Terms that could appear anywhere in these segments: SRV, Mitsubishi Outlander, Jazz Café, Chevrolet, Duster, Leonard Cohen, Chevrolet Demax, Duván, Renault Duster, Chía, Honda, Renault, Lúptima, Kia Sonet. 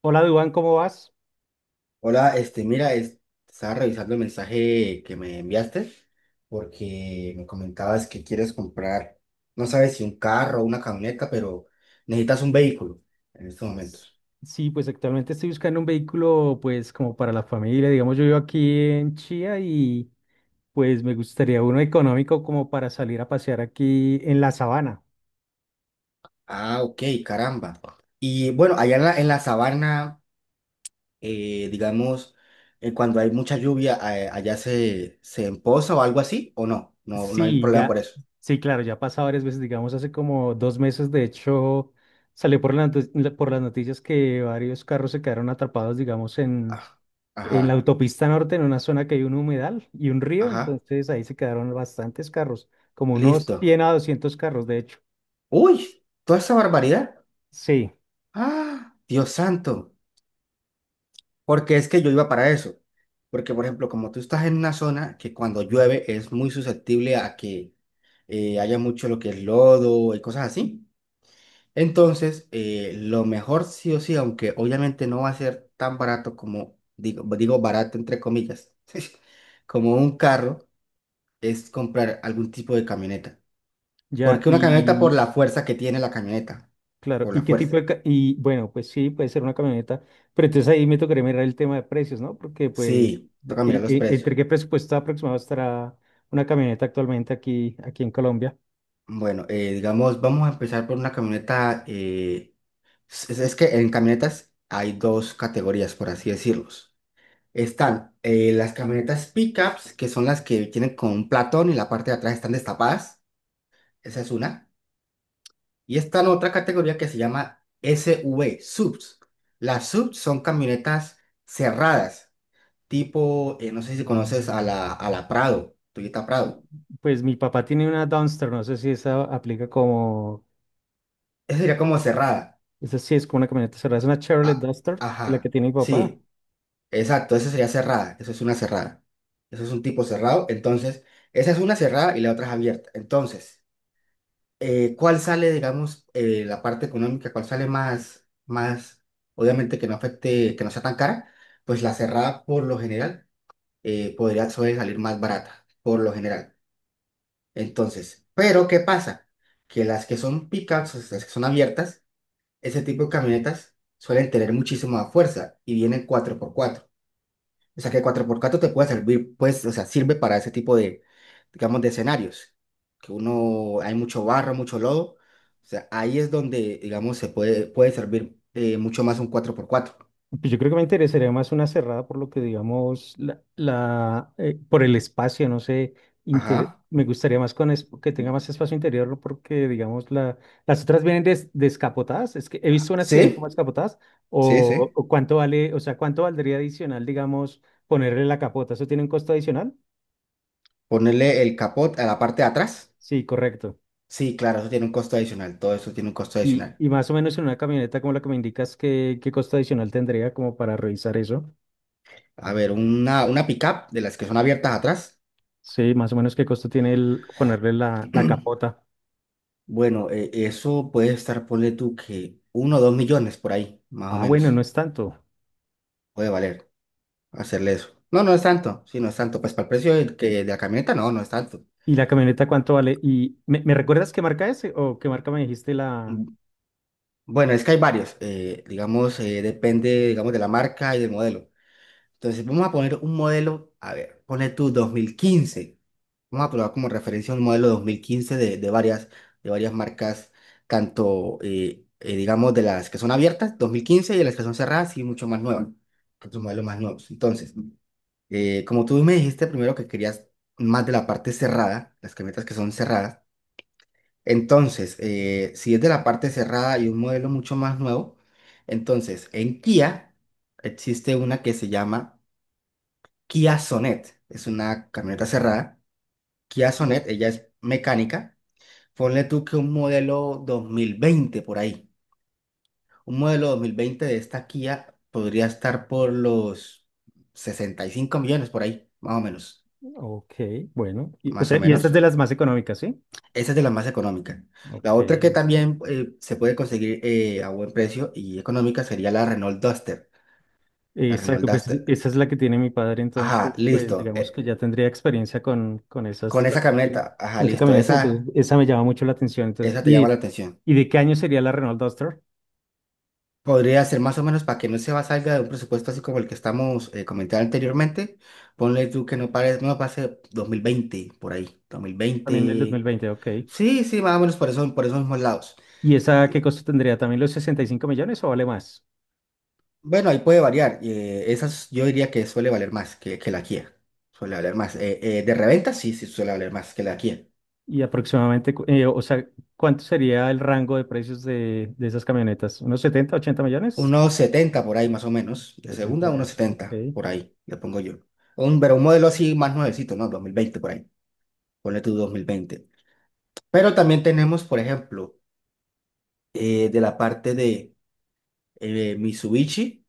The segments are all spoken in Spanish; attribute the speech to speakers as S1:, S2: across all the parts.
S1: Hola, Duván, ¿cómo vas?
S2: Hola, este, mira, es- Estaba revisando el mensaje que me enviaste porque me comentabas que quieres comprar, no sabes si un carro o una camioneta, pero necesitas un vehículo en estos momentos.
S1: Sí, pues actualmente estoy buscando un vehículo, pues como para la familia. Digamos, yo vivo aquí en Chía y pues me gustaría uno económico como para salir a pasear aquí en la sabana.
S2: Ah, ok, caramba. Y bueno, allá en la sabana, digamos, cuando hay mucha lluvia, allá se empoza o algo así, ¿o no? No, no hay
S1: Sí,
S2: problema
S1: ya,
S2: por eso.
S1: sí, claro, ya ha pasado varias veces. Digamos, hace como dos meses, de hecho, salió por por las noticias que varios carros se quedaron atrapados, digamos,
S2: Ah,
S1: en la
S2: ajá,
S1: autopista norte, en una zona que hay un humedal y un río,
S2: ajá,
S1: entonces ahí se quedaron bastantes carros, como unos
S2: listo.
S1: 100 a 200 carros, de hecho.
S2: Uy, toda esa barbaridad.
S1: Sí,
S2: Ah, Dios santo, porque es que yo iba para eso. Porque, por ejemplo, como tú estás en una zona que cuando llueve es muy susceptible a que haya mucho lo que es lodo y cosas así. Entonces, lo mejor sí o sí, aunque obviamente no va a ser tan barato como, digo, digo barato entre comillas, como un carro, es comprar algún tipo de camioneta.
S1: ya,
S2: Porque una camioneta por
S1: y
S2: la fuerza que tiene la camioneta,
S1: claro,
S2: por la
S1: ¿y qué tipo
S2: fuerza.
S1: de...? Y bueno, pues sí, puede ser una camioneta, pero entonces ahí me tocaría mirar el tema de precios, ¿no? Porque pues,
S2: Sí, toca mirar los
S1: ¿entre
S2: precios.
S1: qué presupuesto aproximado estará una camioneta actualmente aquí en Colombia?
S2: Bueno, digamos, vamos a empezar por una camioneta. Es que en camionetas hay dos categorías, por así decirlos. Están las camionetas pickups, que son las que tienen con un platón y la parte de atrás están destapadas. Esa es una. Y está en otra categoría que se llama SUV, subs. Las subs son camionetas cerradas, tipo, no sé si conoces a la Prado, Toyota Prado.
S1: Pues mi papá tiene una Duster, no sé si esa aplica como,
S2: Esa sería como cerrada.
S1: esa sí es como una camioneta cerrada, es una Chevrolet
S2: Ah,
S1: Duster, la que
S2: ajá.
S1: tiene mi papá.
S2: Sí, exacto, esa sería cerrada, eso es una cerrada. Eso es un tipo cerrado, entonces, esa es una cerrada y la otra es abierta. Entonces, ¿cuál sale, digamos, la parte económica, cuál sale obviamente que no afecte, que no sea tan cara? Pues la cerrada, por lo general, podría suele salir más barata, por lo general. Entonces, pero ¿qué pasa? Que las que son pickups, o sea, las que son abiertas, ese tipo de camionetas suelen tener muchísima fuerza y vienen cuatro por cuatro. O sea, que el 4x4 te puede servir, pues, o sea, sirve para ese tipo de, digamos, de escenarios, que uno, hay mucho barro, mucho lodo. O sea, ahí es donde, digamos, puede servir mucho más un cuatro por cuatro.
S1: Pues yo creo que me interesaría más una cerrada por lo que digamos, por el espacio, no sé,
S2: Ajá.
S1: me gustaría más con que tenga más espacio interior, ¿no? Porque digamos la, las otras vienen descapotadas, es que he visto unas que vienen como
S2: Sí,
S1: descapotadas
S2: sí, sí.
S1: o cuánto vale, o sea, cuánto valdría adicional, digamos, ponerle la capota, ¿eso tiene un costo adicional?
S2: Ponerle el capot a la parte de atrás.
S1: Sí, correcto.
S2: Sí, claro, eso tiene un costo adicional. Todo eso tiene un costo adicional.
S1: Y más o menos en una camioneta como la que me indicas, ¿qué, qué costo adicional tendría como para revisar eso?
S2: A ver, una pickup de las que son abiertas atrás.
S1: Sí, más o menos qué costo tiene el ponerle la capota.
S2: Bueno, eso puede estar, ponle tú que uno o 2 millones por ahí, más o
S1: Ah, bueno,
S2: menos.
S1: no es tanto.
S2: Puede valer hacerle eso. No, no es tanto, sí, no es tanto. Pues para el precio de, que, de la camioneta, no, no es tanto.
S1: ¿Y la camioneta cuánto vale? ¿Y me recuerdas qué marca es o qué marca me dijiste la?
S2: Mm, bueno, es que hay varios, digamos, depende, digamos, de la marca y del modelo. Entonces, vamos a poner un modelo, a ver, pone tú 2015. Vamos a probar como referencia un modelo 2015 de varias, de varias marcas, tanto, digamos, de las que son abiertas, 2015, y de las que son cerradas y mucho más nuevas, otros modelos más nuevos. Entonces, como tú me dijiste primero que querías más de la parte cerrada, las camionetas que son cerradas, entonces, si es de la parte cerrada y un modelo mucho más nuevo, entonces en Kia existe una que se llama Kia Sonet, es una camioneta cerrada. Kia Sonet, ella es mecánica. Ponle tú que un modelo 2020 por ahí. Un modelo 2020 de esta Kia podría estar por los 65 millones por ahí, más o menos.
S1: Ok, bueno. Y, o
S2: Más
S1: sea,
S2: o
S1: ¿y esta es de
S2: menos.
S1: las más económicas, sí?
S2: Esa es de la más económica. La
S1: Ok,
S2: otra que
S1: listo.
S2: también se puede conseguir a buen precio y económica sería la Renault Duster. La Renault
S1: Exacto, pues
S2: Duster.
S1: esa es la que tiene mi padre, entonces,
S2: Ajá,
S1: pues
S2: listo.
S1: digamos que ya tendría experiencia con esas,
S2: Con esa camioneta, ajá,
S1: con esa
S2: listo.
S1: camioneta, entonces esa me llama mucho la atención. Entonces,
S2: Esa te
S1: ¿y,
S2: llama la atención.
S1: y de qué año sería la Renault Duster?
S2: Podría ser más o menos para que no se va salga de un presupuesto así como el que estamos comentando anteriormente. Ponle tú que no pare, no pase 2020 por ahí. Dos mil
S1: También del dos mil
S2: veinte.
S1: veinte. Ok.
S2: Sí, sí, más o menos por eso, por esos mismos lados.
S1: ¿Y esa qué costo tendría? ¿También los 65 millones o vale más?
S2: Bueno, ahí puede variar. Esas yo diría que suele valer más que la Kia. Suele valer más. De reventa, sí, sí, suele valer más que la Kia.
S1: Y aproximadamente, o sea, ¿cuánto sería el rango de precios de esas camionetas? ¿Unos 70, 80 millones?
S2: Unos 70 por ahí más o menos. De
S1: 70
S2: segunda, unos
S1: millones,
S2: 70
S1: ok.
S2: por ahí, le pongo yo. Un, pero un modelo así más nuevecito, ¿no? Dos mil veinte por ahí. Ponle tú 2020. Pero también tenemos, por ejemplo, de la parte de Mitsubishi,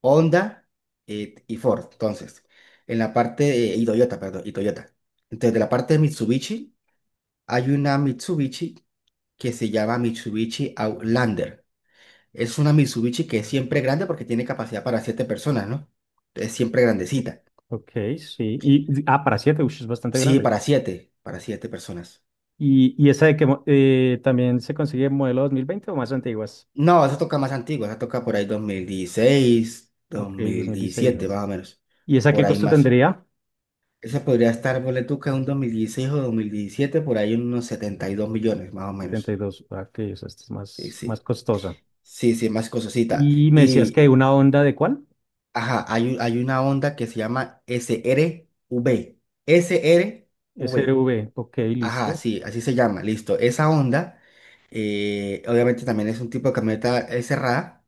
S2: Honda y Ford. Entonces, en la parte, de- y Toyota, perdón, y Toyota. Entonces, de la parte de Mitsubishi. Hay una Mitsubishi que se llama Mitsubishi Outlander. Es una Mitsubishi que es siempre grande porque tiene capacidad para siete personas, ¿no? Es siempre
S1: o-
S2: grandecita.
S1: Ok, sí. Y, ah, para 7, es bastante
S2: Sí,
S1: grande.
S2: para siete personas.
S1: Y esa de que también se consigue en modelo 2020 o más antiguas?
S2: No, esa toca más antigua, esa toca por ahí dos mil dieciséis dos
S1: Ok,
S2: mil diecisiete
S1: 2016.
S2: más o menos.
S1: ¿Y esa
S2: Por
S1: qué
S2: ahí
S1: costo
S2: más.
S1: tendría?
S2: Esa podría estar, ponle tú que en un 2016 o 2017 por ahí unos 72 millones, más o menos.
S1: 72. Ah, ok, o sea, esta es
S2: Sí,
S1: más, más
S2: sí,
S1: costosa.
S2: sí, sí, más cososita.
S1: ¿Y me decías
S2: Y
S1: que una Honda de cuál?
S2: ajá, hay, un- hay una onda que se llama SRV. SRV.
S1: SRV. Ok,
S2: Ajá,
S1: listo.
S2: sí, así se llama, listo. Esa onda, obviamente también es un tipo de camioneta cerrada.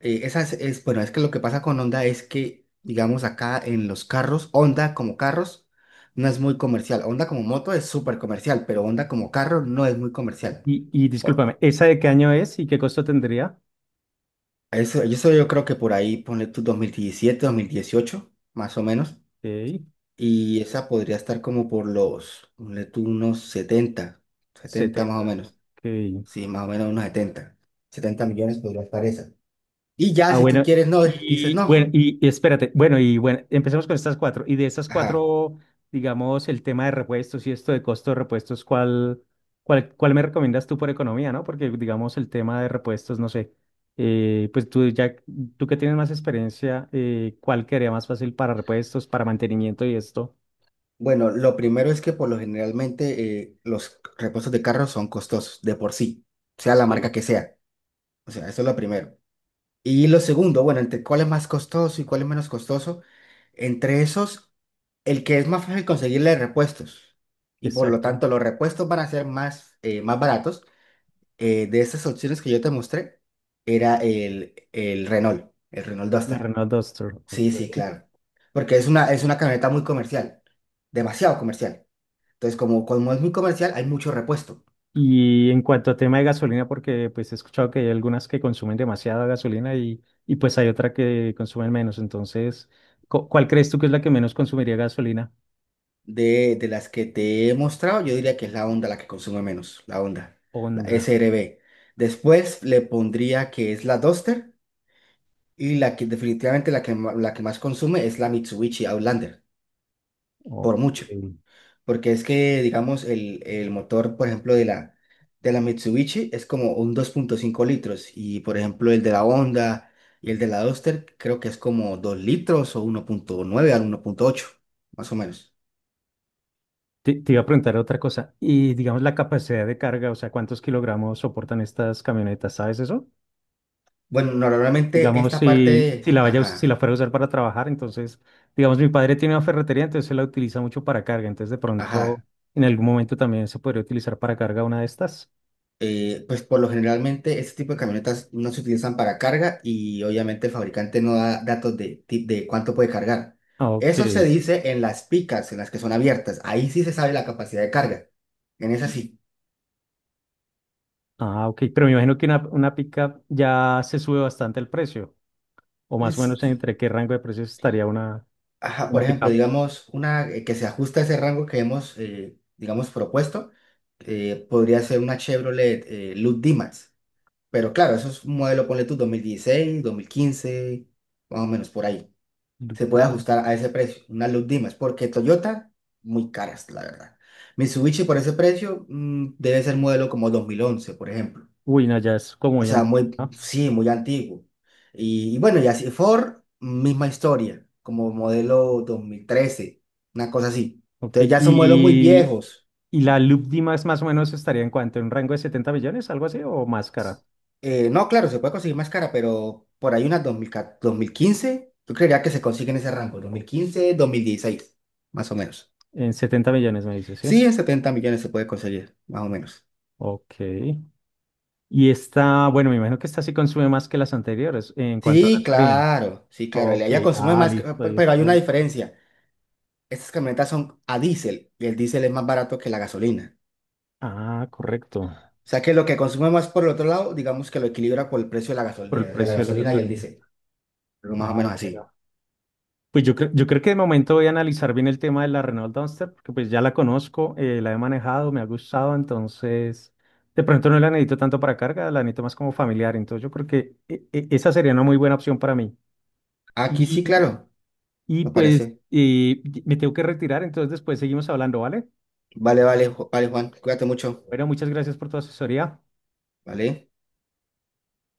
S2: Esa es- bueno, es que lo que pasa con Honda es que, digamos, acá en los carros, Honda como carros no es muy comercial. Honda como moto es súper comercial, pero Honda como carro no es muy comercial.
S1: Y
S2: O-
S1: discúlpame, ¿esa de qué año es y qué costo tendría?
S2: eso yo creo que por ahí, ponle tú 2017, 2018, más o menos.
S1: Ok,
S2: Y esa podría estar como por los, ponle tú, unos 70 70
S1: 70.
S2: más o menos.
S1: Ok.
S2: Sí, más o menos unos 70 70 millones podría estar esa. Y ya,
S1: Ah,
S2: si tú
S1: bueno,
S2: quieres, no, dices
S1: y bueno,
S2: no.
S1: y espérate, bueno, y bueno, empecemos con estas cuatro. Y de estas
S2: Ajá.
S1: cuatro, digamos, el tema de repuestos y esto de costo de repuestos, ¿cuál, cuál, cuál me recomiendas tú por economía, no? Porque, digamos, el tema de repuestos, no sé, pues tú ya, tú que tienes más experiencia, ¿cuál quedaría más fácil para repuestos, para mantenimiento y esto?
S2: Bueno, lo primero es que por lo generalmente los repuestos de carros son costosos de por sí, sea la marca
S1: Sí.
S2: que sea. O sea, eso es lo primero. Y lo segundo, bueno, entre cuál es más costoso y cuál es menos costoso, entre esos, el que es más fácil conseguirle repuestos. Y por lo
S1: Exacto.
S2: tanto, los repuestos van a ser más, más baratos. De esas opciones que yo te mostré, era el Renault
S1: La
S2: Duster.
S1: Renault Duster.
S2: Sí,
S1: Ok.
S2: sí, claro. Porque es una camioneta muy comercial, demasiado comercial. Entonces, como es muy comercial, hay mucho repuesto.
S1: Y en cuanto a tema de gasolina, porque pues he escuchado que hay algunas que consumen demasiada gasolina y pues hay otra que consumen menos. Entonces, ¿cuál crees tú que es la que menos consumiría gasolina?
S2: De las que te he mostrado, yo diría que es la Honda la que consume menos, la Honda, la
S1: Honda.
S2: SRB. Después le pondría que es la Duster y la que definitivamente la que, ma- la que más consume es la Mitsubishi Outlander, por
S1: Ok.
S2: mucho. Porque es que, digamos, el motor, por ejemplo, de la Mitsubishi es como un 2.5 litros y, por ejemplo, el de la Honda y el de la Duster creo que es como 2 litros o 1.9 al 1.8, más o menos.
S1: Te iba a preguntar otra cosa. Y digamos la capacidad de carga, o sea, ¿cuántos kilogramos soportan estas camionetas? ¿Sabes eso?
S2: Bueno, normalmente
S1: Digamos,
S2: esta
S1: si,
S2: parte
S1: si
S2: es-
S1: la vaya, a us- si
S2: ajá,
S1: la fuera a usar para trabajar, entonces, digamos, mi padre tiene una ferretería, entonces él la utiliza mucho para carga. Entonces, de pronto,
S2: ajá.
S1: en algún momento también se podría utilizar para carga una de estas.
S2: Pues por lo generalmente este tipo de camionetas no se utilizan para carga y obviamente el fabricante no da datos de, ti- de cuánto puede cargar.
S1: Ah, ok.
S2: Eso se dice en las picas, en las que son abiertas. Ahí sí se sabe la capacidad de carga. En esas sí.
S1: Ah, ok. Pero me imagino que una pickup ya se sube bastante el precio. O más o
S2: Es-
S1: menos entre qué rango de precios estaría
S2: ajá,
S1: una
S2: por ejemplo,
S1: pickup.
S2: digamos, una que se ajusta a ese rango que hemos, digamos, propuesto, podría ser una Chevrolet Demax. Pero claro, eso es un modelo, ponle tú, 2016, 2015, más o menos por ahí. Se puede
S1: Lúptima.
S2: ajustar a ese precio, una luz Dimas, porque Toyota, muy caras, la verdad. Mitsubishi por ese precio debe ser modelo como 2011, por ejemplo.
S1: Uy, no, ya es como
S2: O
S1: ya
S2: sea,
S1: antigua,
S2: muy,
S1: ¿no?
S2: sí, muy antiguo. Y bueno, y así Ford, misma historia, como modelo 2013, una cosa así.
S1: Ok.
S2: Entonces ya son modelos muy viejos.
S1: Y la Lúptima es más o menos estaría en cuanto, en un rango de 70 millones, algo así, o más cara.
S2: No, claro, se puede conseguir más cara, pero por ahí unas dos mil dos mil quince. Yo creería que se consigue en ese rango, dos mil quince, dos mil dieciséis, más o menos.
S1: En 70 millones me dice, sí.
S2: Sí, en 70 millones se puede conseguir, más o menos.
S1: Ok. Y esta, bueno, me imagino que esta sí consume más que las anteriores en cuanto a
S2: Sí,
S1: gasolina.
S2: claro, sí, claro, el de
S1: Ok.
S2: allá consume
S1: Ah,
S2: más, que-
S1: listo.
S2: pe-
S1: Ahí
S2: pero hay
S1: está
S2: una
S1: el-
S2: diferencia. Estas camionetas son a diésel y el diésel es más barato que la gasolina.
S1: Ah, correcto.
S2: O sea que lo que consume más por el otro lado, digamos que lo equilibra por el precio de la gasol-
S1: Por el
S2: de la
S1: precio de la
S2: gasolina y el
S1: gasolina.
S2: diésel, pero más o
S1: Ah,
S2: menos así.
S1: bueno. Pues yo, yo creo que de momento voy a analizar bien el tema de la Renault Duster, porque pues ya la conozco, la he manejado, me ha gustado, entonces de pronto no la necesito tanto para carga, la necesito más como familiar, entonces yo creo que esa sería una muy buena opción para mí.
S2: Aquí sí,
S1: Y,
S2: claro,
S1: y
S2: me
S1: pues
S2: parece.
S1: me tengo que retirar, entonces después seguimos hablando, ¿vale?
S2: Vale, vale, Ju- vale, Juan, cuídate mucho,
S1: Bueno, muchas gracias por tu asesoría.
S2: ¿vale?